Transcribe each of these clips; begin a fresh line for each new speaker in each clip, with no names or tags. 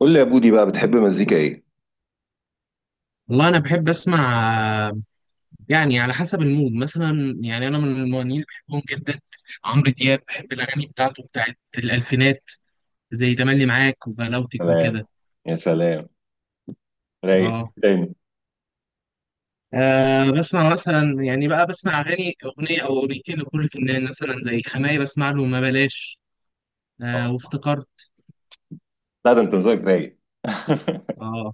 قول لي يا بودي بقى بتحب مزيكا ايه؟
والله انا بحب اسمع، آه، يعني على حسب المود. مثلا يعني انا من المغنيين اللي بحبهم جدا عمرو دياب. بحب الاغاني بتاعته، بتاعت الالفينات زي تملي معاك وبلاوتك
سلام.
وكده.
يا سلام. رايق
اه
تاني.
بسمع مثلا، يعني بقى بسمع اغاني، اغنيه او اغنيتين لكل فنان، مثلا زي حماية بسمع له ما بلاش. آه
اه،
وافتكرت.
لا ده انت مزاجك رايق.
اه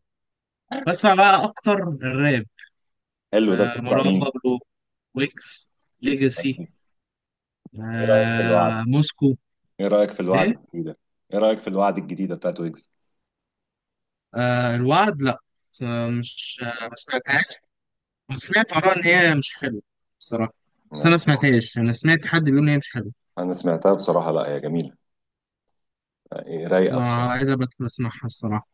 بسمع بقى اكتر الراب.
حلو ده، بتسمع
مروان
مين؟
بابلو، ويكس، ليجاسي،
ايه رايك في الوعد؟
موسكو.
ايه رايك في الوعد
إيه؟
الجديده؟ ايه رايك في الوعد الجديده بتاعت ويجز؟
آه الوعد، لا. بس- مش، ما سمعتهاش، بس سمعت آراء إن هي مش حلوة بصراحة. بس أنا ما
نعم.
سمعتهاش، أنا سمعت حد بيقول إن هي مش حلوة.
انا سمعتها بصراحه، لا هي جميله. إيه، رايقه
أنا
بصراحه.
عايز أبقى أدخل أسمعها الصراحة.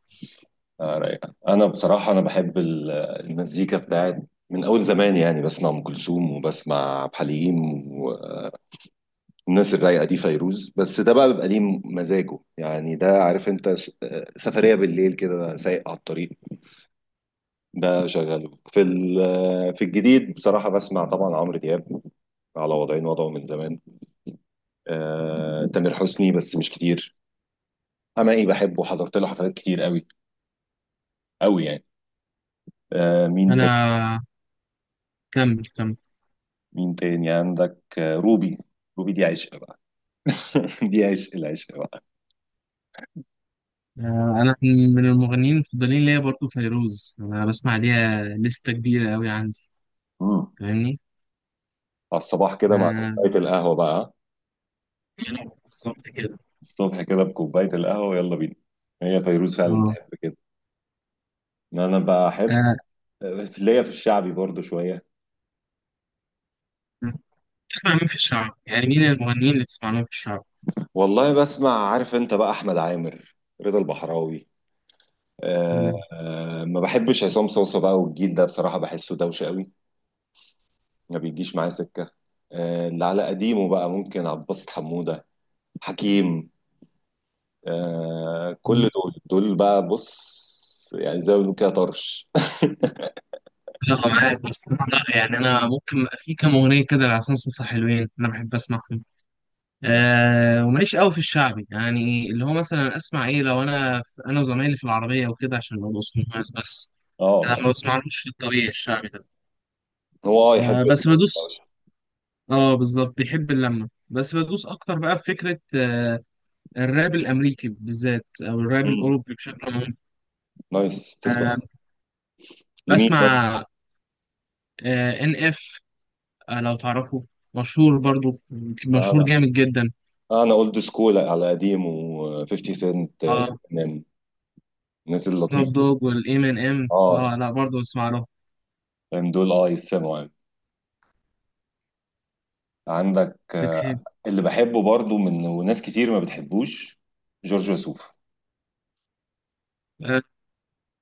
آه رايقه، انا بصراحه انا بحب ال- المزيكا بتاعت من اول زمان، يعني بسمع ام كلثوم وبسمع عبد الحليم، الناس الرايقه دي، فيروز. بس ده بقى بيبقى ليه مزاجه، يعني ده عارف انت سفريه بالليل كده سايق على الطريق. ده شغاله في في الجديد بصراحه بسمع طبعا عمرو دياب، على وضعين وضعه من زمان. آه، تامر حسني بس مش كتير. حماقي بحبه، حضرت له حفلات كتير قوي، قوي يعني. آه، مين تاني،
أنا، كمل كمل.
مين تاني عندك؟ آه، روبي، روبي دي عشق بقى. دي عشق العشق بقى.
آه، أنا من المغنيين المفضلين ليا برضه فيروز. أنا بسمع ليها لستة كبيرة أوي عندي.
مم.
فاهمني؟
على الصباح كده مع
آه،
كوبايه القهوه بقى،
يعني بالظبط كده.
الصبح كده بكوباية القهوة يلا بينا، هي فيروز فعلا
آه،
تحب كده. ما انا بحب
آه،
ليا في الشعبي برضو شوية.
تسمع مين في الشعب؟ يعني مين المغنيين اللي تسمع لهم في الشعب؟
والله بسمع عارف انت بقى احمد عامر، رضا البحراوي. أه أه، ما بحبش عصام صوصة بقى والجيل ده بصراحة بحسه دوشة قوي، ما بيجيش معايا سكة. أه، اللي على قديمه بقى ممكن عبد الباسط حمودة، حكيم. أه كل
مم.
دول، دول بقى بص، يعني زي ما بنقول كده طرش.
يلا معاك، بس أنا لا، يعني انا ممكن في كام اغنيه كده لعصام صاصا حلوين انا بحب اسمعهم. آه، وماليش قوي في الشعبي، يعني اللي هو مثلا اسمع ايه لو انا في، انا وزمايلي في العربيه وكده، عشان ما بوصلهمش بس.
اه
انا ما
ما-
بسمعلوش في الطبيعي، الشعبي ده.
هو اه يحب
آه بس
الدوشة.
بدوس. اه بالظبط، بيحب اللمه بس بدوس اكتر بقى في فكره. الراب الامريكي بالذات، او الراب
مم.
الاوروبي بشكل عام.
نايس،
آه
تسمع لمين مثلا؟
بسمع، ان اف، لو تعرفه. مشهور برضو، مشهور
انا،
جامد جدا.
انا اولد سكول على قديم، و50
اه،
سنت، من الناس
سناب
اللطيفه.
دوج، والام ان ام.
اه
اه لا، برضه بسمع له.
فاهم، دول اه يسمعوا يعني. عندك آه،
بتحب.
اللي بحبه برضو من وناس كتير ما بتحبوش، جورج وسوف.
آه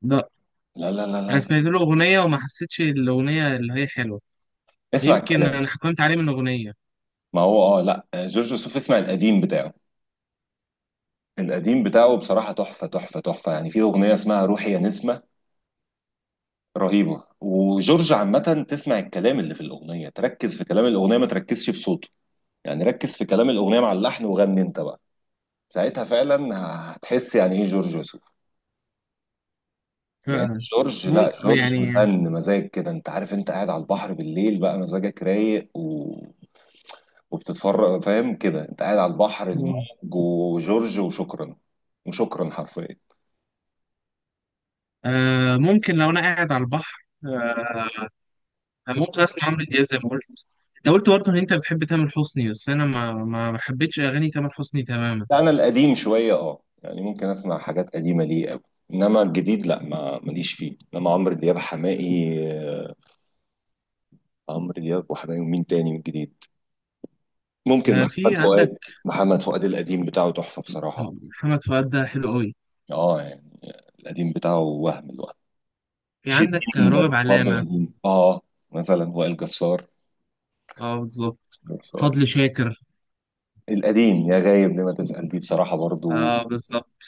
لا،
لا لا لا لا
انا
لا.
سمعت له اغنيه وما حسيتش الاغنيه اللي هي حلوه.
اسمع
يمكن
الكلام.
انا حكمت عليه من اغنيه.
ما هو اه لا آه، جورج وسوف اسمع القديم بتاعه، القديم بتاعه بصراحة تحفة تحفة تحفة يعني. في أغنية اسمها روحي يا نسمة، رهيبة. وجورج عامة تسمع الكلام اللي في الأغنية، تركز في كلام الأغنية ما تركزش في صوته، يعني ركز في كلام الاغنيه مع اللحن وغني انت بقى، ساعتها فعلا هتحس يعني ايه جورج وسوف. لان
فعلا،
جورج، لا
ممكن
جورج
يعني.
فن مزاج كده، انت عارف انت قاعد على البحر بالليل بقى مزاجك رايق وبتتفرج، فاهم كده انت قاعد على البحر، الموج، وجورج، وشكرا. وشكرا حرفيا.
آه ممكن، لو انا قاعد على البحر آه، ممكن اسمع عمرو دياب زي ما قلت. انت قلت برضه ان انت بتحب تامر حسني، بس انا ما حبيتش اغاني تامر حسني تماما.
لا، انا القديم شويه اه يعني ممكن اسمع حاجات قديمه ليه قوي، انما الجديد لا ما ماليش فيه. انما عمرو دياب حماقي، آه، عمرو دياب وحماقي. ومين تاني من الجديد؟ ممكن
آه، في
محمد
عندك
فؤاد. محمد فؤاد القديم بتاعه تحفة بصراحة،
محمد فؤاد ده حلو قوي.
اه يعني. القديم بتاعه، وهم الوهم.
في عندك
شيرين
راغب
بس برضه
علامه.
القديم، اه. مثلا وائل جسار،
اه بالظبط.
جسار.
فضل شاكر.
القديم يا غايب لما تسأل دي بصراحة برضه.
اه بالظبط،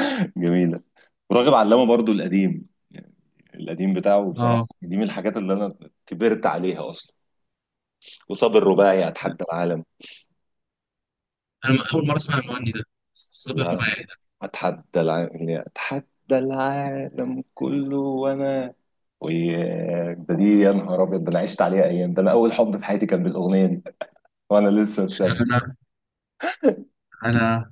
جميلة. وراغب علامة برضه القديم يعني، القديم بتاعه بصراحة
اه.
دي من الحاجات اللي أنا كبرت عليها أصلا. وصاب الرباعي، أتحدى العالم.
انا اول مره اسمع المغني ده، صابر
لا،
رباعي ده.
أتحدى العالم، أتحدى العالم كله وأنا. وده دي يا نهار ابيض، ده انا عشت عليها ايام، ده انا اول حب في حياتي كان بالاغنيه دي، وانا لسه في سنه.
انا انا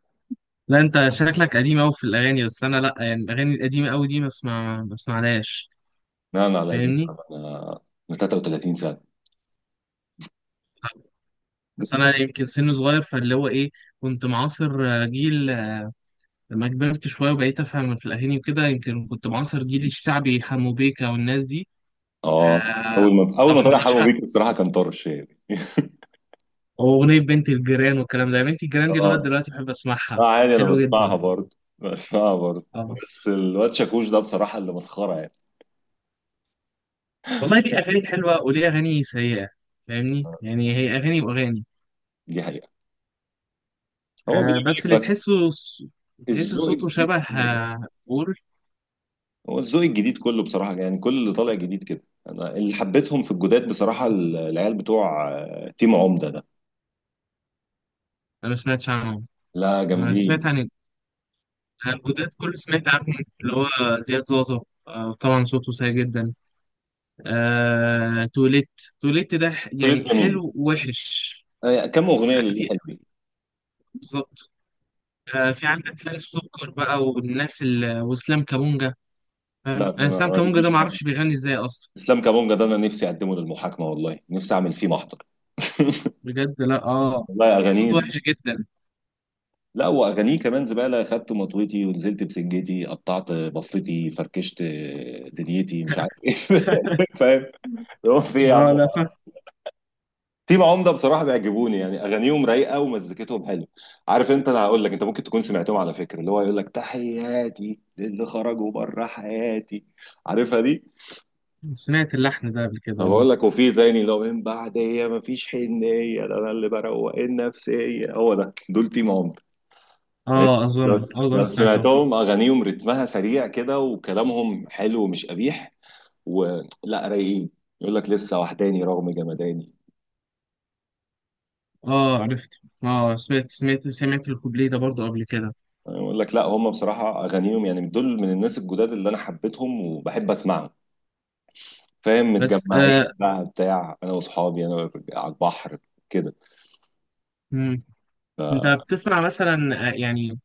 لا. انت شكلك قديم قوي في الاغاني، بس انا لا، يعني الاغاني القديمه قوي دي ما اسمعلهاش.
لا انا على دي
فاهمني.
انا، من 33 سنه.
بس انا يمكن سن صغير، فاللي هو ايه، كنت معاصر جيل، لما كبرت شويه وبقيت افهم في الاغاني وكده، يمكن كنت معاصر جيل الشعبي حمو بيكا والناس دي.
اه،
آه
اول ما طلع
طبعا،
حلوه
اشهر
بيك الصراحه كان طرش يعني.
اغنيه بنت الجيران والكلام ده، بنت الجيران دي لغايه
اه،
دلوقتي بحب
اه
اسمعها.
عادي انا
حلوه جدا،
بسمعها برضه، بسمعها برضه.
اه.
بس الواد شاكوش ده بصراحه اللي مسخره يعني،
والله ليه اغاني حلوه وليه اغاني سيئه. فاهمني، يعني هي اغاني واغاني.
دي حقيقه. هو
آه،
بيني
بس
وبينك
اللي
بس،
تحسه تحس
الذوق
صوته
الجديد
شبه،
كله كده.
بور.
هو الذوق الجديد كله بصراحه، يعني كل اللي طالع جديد كده. انا اللي حبيتهم في الجداد بصراحه العيال بتوع آه، تيم عمده.
انا ما سمعتش عنه.
لا
انا سمعت
جامدين،
عن الجداد كل، سمعت عنهم اللي هو زياد زازا. آه طبعا، صوته سيء جدا. آه توليت، توليت ده
كلهم
يعني
جميل.
حلو ووحش.
آه، كم اغنيه اللي
في،
حلوين.
بالظبط. آه، في عندك خالد سكر بقى، والناس واسلام كابونجا.
لا
فاهم،
ما
انا اسلام
ما
كابونجا ده
بيجيش
ما
مع
اعرفش بيغني ازاي اصلا.
اسلام كابونجا ده، انا نفسي اقدمه للمحاكمه، والله نفسي اعمل فيه محضر.
بجد، لا اه.
والله
صوت
اغانيه ز-
وحش جدا.
لا واغانيه كمان زباله، خدت مطويتي ونزلت بسجتي، قطعت بفتي فركشت دنيتي مش عارف ايه. فاهم، هو في إيه يا
اه
عم؟
لا فا،
تيم عمده بصراحه بيعجبوني، يعني اغانيهم رايقه ومزيكتهم حلوه. عارف انت، انا هقول لك، انت ممكن تكون سمعتهم على فكره، اللي هو يقول لك تحياتي للي خرجوا بره حياتي، عارفها دي؟
سمعت اللحن ده قبل كده،
انا
اه.
بقول لك، وفي تاني لو من بعد هي مفيش حنيه، ده انا اللي بروق النفسيه، هو ده، دول تيم عمر. انت
اه اظن،
لو، لو
سمعته.
سمعتهم اغانيهم رتمها سريع كده وكلامهم حلو ومش قبيح، ولا رايقين، يقول لك لسه وحداني رغم جمداني.
اه عرفت، اه، سمعت الكوبليه ده برضو قبل كده.
أنا بقول لك لا، هم بصراحه اغانيهم يعني دول من الناس الجداد اللي انا حبيتهم وبحب اسمعهم، فاهم؟
بس
متجمعين
آه.
بقى بتاع انا واصحابي انا على البحر كده.
مم. انت بتسمع مثلا، يعني،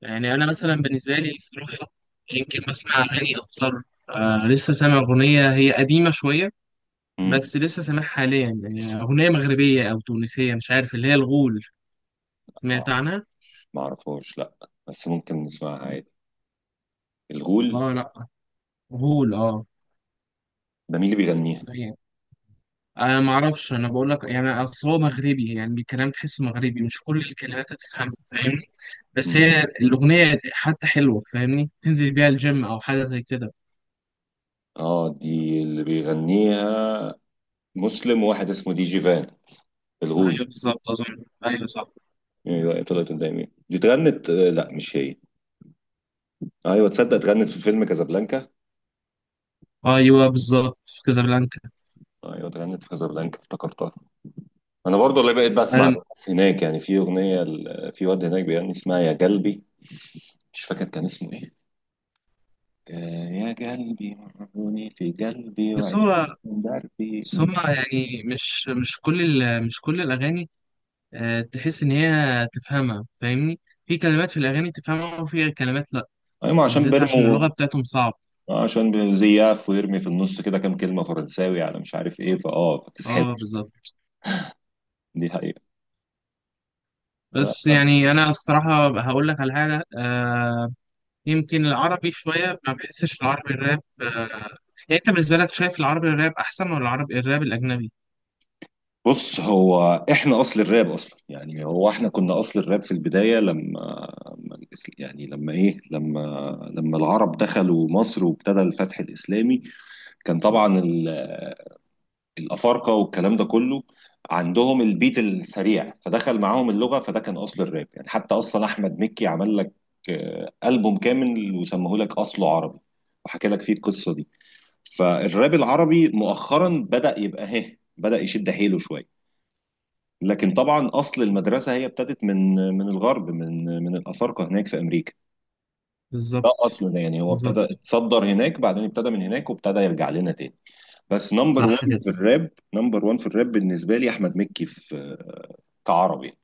يعني انا مثلا بالنسبه لي الصراحه، يمكن بسمع اغاني اكثر. آه، لسه سامع اغنيه هي قديمه شويه،
مم.
بس لسه سامعها حاليا، يعني اغنيه مغربيه او تونسيه مش عارف، اللي هي الغول. سمعت عنها؟
ما اعرفهاش لا، بس ممكن نسمعها عادي. الغول،
اه لا، غول اه.
ده مين اللي بيغنيها؟
انا ما اعرفش، انا بقول لك يعني اصل هو مغربي، يعني الكلام تحسه مغربي، مش كل الكلمات هتفهمها، فاهمني. بس
مم.
هي الاغنيه حتى حلوه، فاهمني، تنزل بيها الجيم او حاجه زي كده.
اه دي اللي بيغنيها مسلم وواحد اسمه دي جي فان، الغول.
ايوه بالظبط، اظن ايوه صح.
ايوه طلعت قدامي، دي اتغنت آه، لا مش هي. ايوه تصدق اتغنت في فيلم كازابلانكا،
ايوه بالظبط، في كازابلانكا.
ايوه اتغنت في كازابلانكا، افتكرتها. انا برضو اللي بقيت بسمع
انا
الناس هناك، يعني في اغنيه في واد هناك بيغني اسمها يا قلبي، مش فاكر كان اسمه ايه، آه، يا قلبي مرهوني في قلبي
بس
وعيش
هو
من دربي
بس
دي.
هما يعني مش كل مش كل الاغاني، تحس ان هي تفهمها، فاهمني. في كلمات في الاغاني تفهمها، وفي كلمات لا.
ايوه ما عشان
بالذات عشان
بيرمو
اللغه بتاعتهم صعبه.
آه، عشان زياف ويرمي في النص كده كام كلمة فرنساوي على مش عارف ايه فاه فتسحب،
اه بالظبط.
دي حقيقة. لا.
بس يعني انا الصراحه هقول لك على حاجه، آه، يمكن العربي شويه ما بحسش، العربي الراب آه. يعني انت بالنسبه لك شايف العربي الراب احسن ولا العربي الراب الاجنبي؟
بص هو، احنا اصل الراب اصلا، يعني هو احنا كنا اصل الراب في البداية لما، لما الإس- يعني لما ايه لما لما العرب دخلوا مصر وابتدى الفتح الاسلامي، كان طبعا الافارقه والكلام ده كله عندهم البيت السريع، فدخل معاهم اللغه، فده كان اصل الراب يعني. حتى اصلا احمد مكي عمل لك آه، البوم كامل وسموه لك اصله عربي، وحكى لك فيه القصه دي. فالراب العربي مؤخرا بدا يبقى، هه، بدا يشد حيله شويه، لكن طبعا اصل المدرسه هي ابتدت من الغرب، من الافارقه هناك في امريكا. ده
بالظبط.
اصلنا يعني، هو ابتدى
بالظبط.
اتصدر هناك، بعدين ابتدى من هناك وابتدى يرجع لنا تاني. بس نمبر
صح
1
كده.
في الراب، نمبر 1 في الراب بالنسبه لي احمد مكي، في كعربي.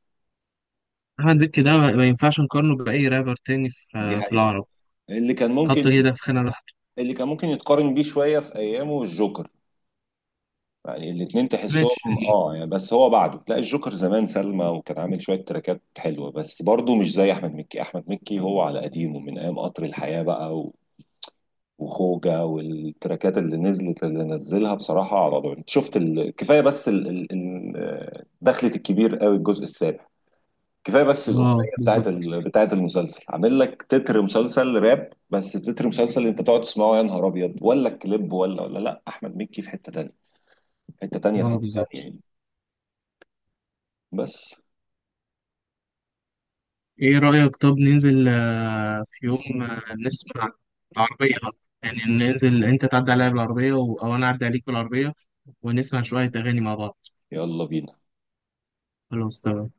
احمد مكي ده ما ينفعش نقارنه باي رابر تاني
دي
في
حقيقه.
العرب.
اللي كان ممكن،
حط كده في خانه لوحده.
اللي كان ممكن يتقارن بيه شويه في ايامه الجوكر، يعني الاثنين
ما
تحسهم
سمعتش ليه.
اه يعني. بس هو بعده لا، الجوكر زمان سلمى وكان عامل شويه تراكات حلوه، بس برضه مش زي احمد مكي. احمد مكي هو على قديمه من ايام قطر الحياه بقى وخوجة، والتراكات اللي نزلت، اللي نزلها بصراحة على ضوء، انت شفت كفاية بس دخلة الكبير قوي الجزء السابع، كفايه بس
اه
الاغنيه بتاعت
بالظبط.
بتاعت المسلسل، عامل لك تتر مسلسل راب، بس تتر مسلسل انت تقعد تسمعه يا نهار ابيض، ولا الكليب، ولا لا احمد مكي في حته تانيه، في حته تانيه، في
اه
حته تانيه
بالظبط.
يعني. بس
ايه رأيك، طب ننزل في يوم، نسمع العربية بقى. يعني ننزل انت تعدي عليا بالعربية او انا اعدي عليك بالعربية، ونسمع شوية اغاني مع بعض.
يلا بينا.
خلاص، تمام.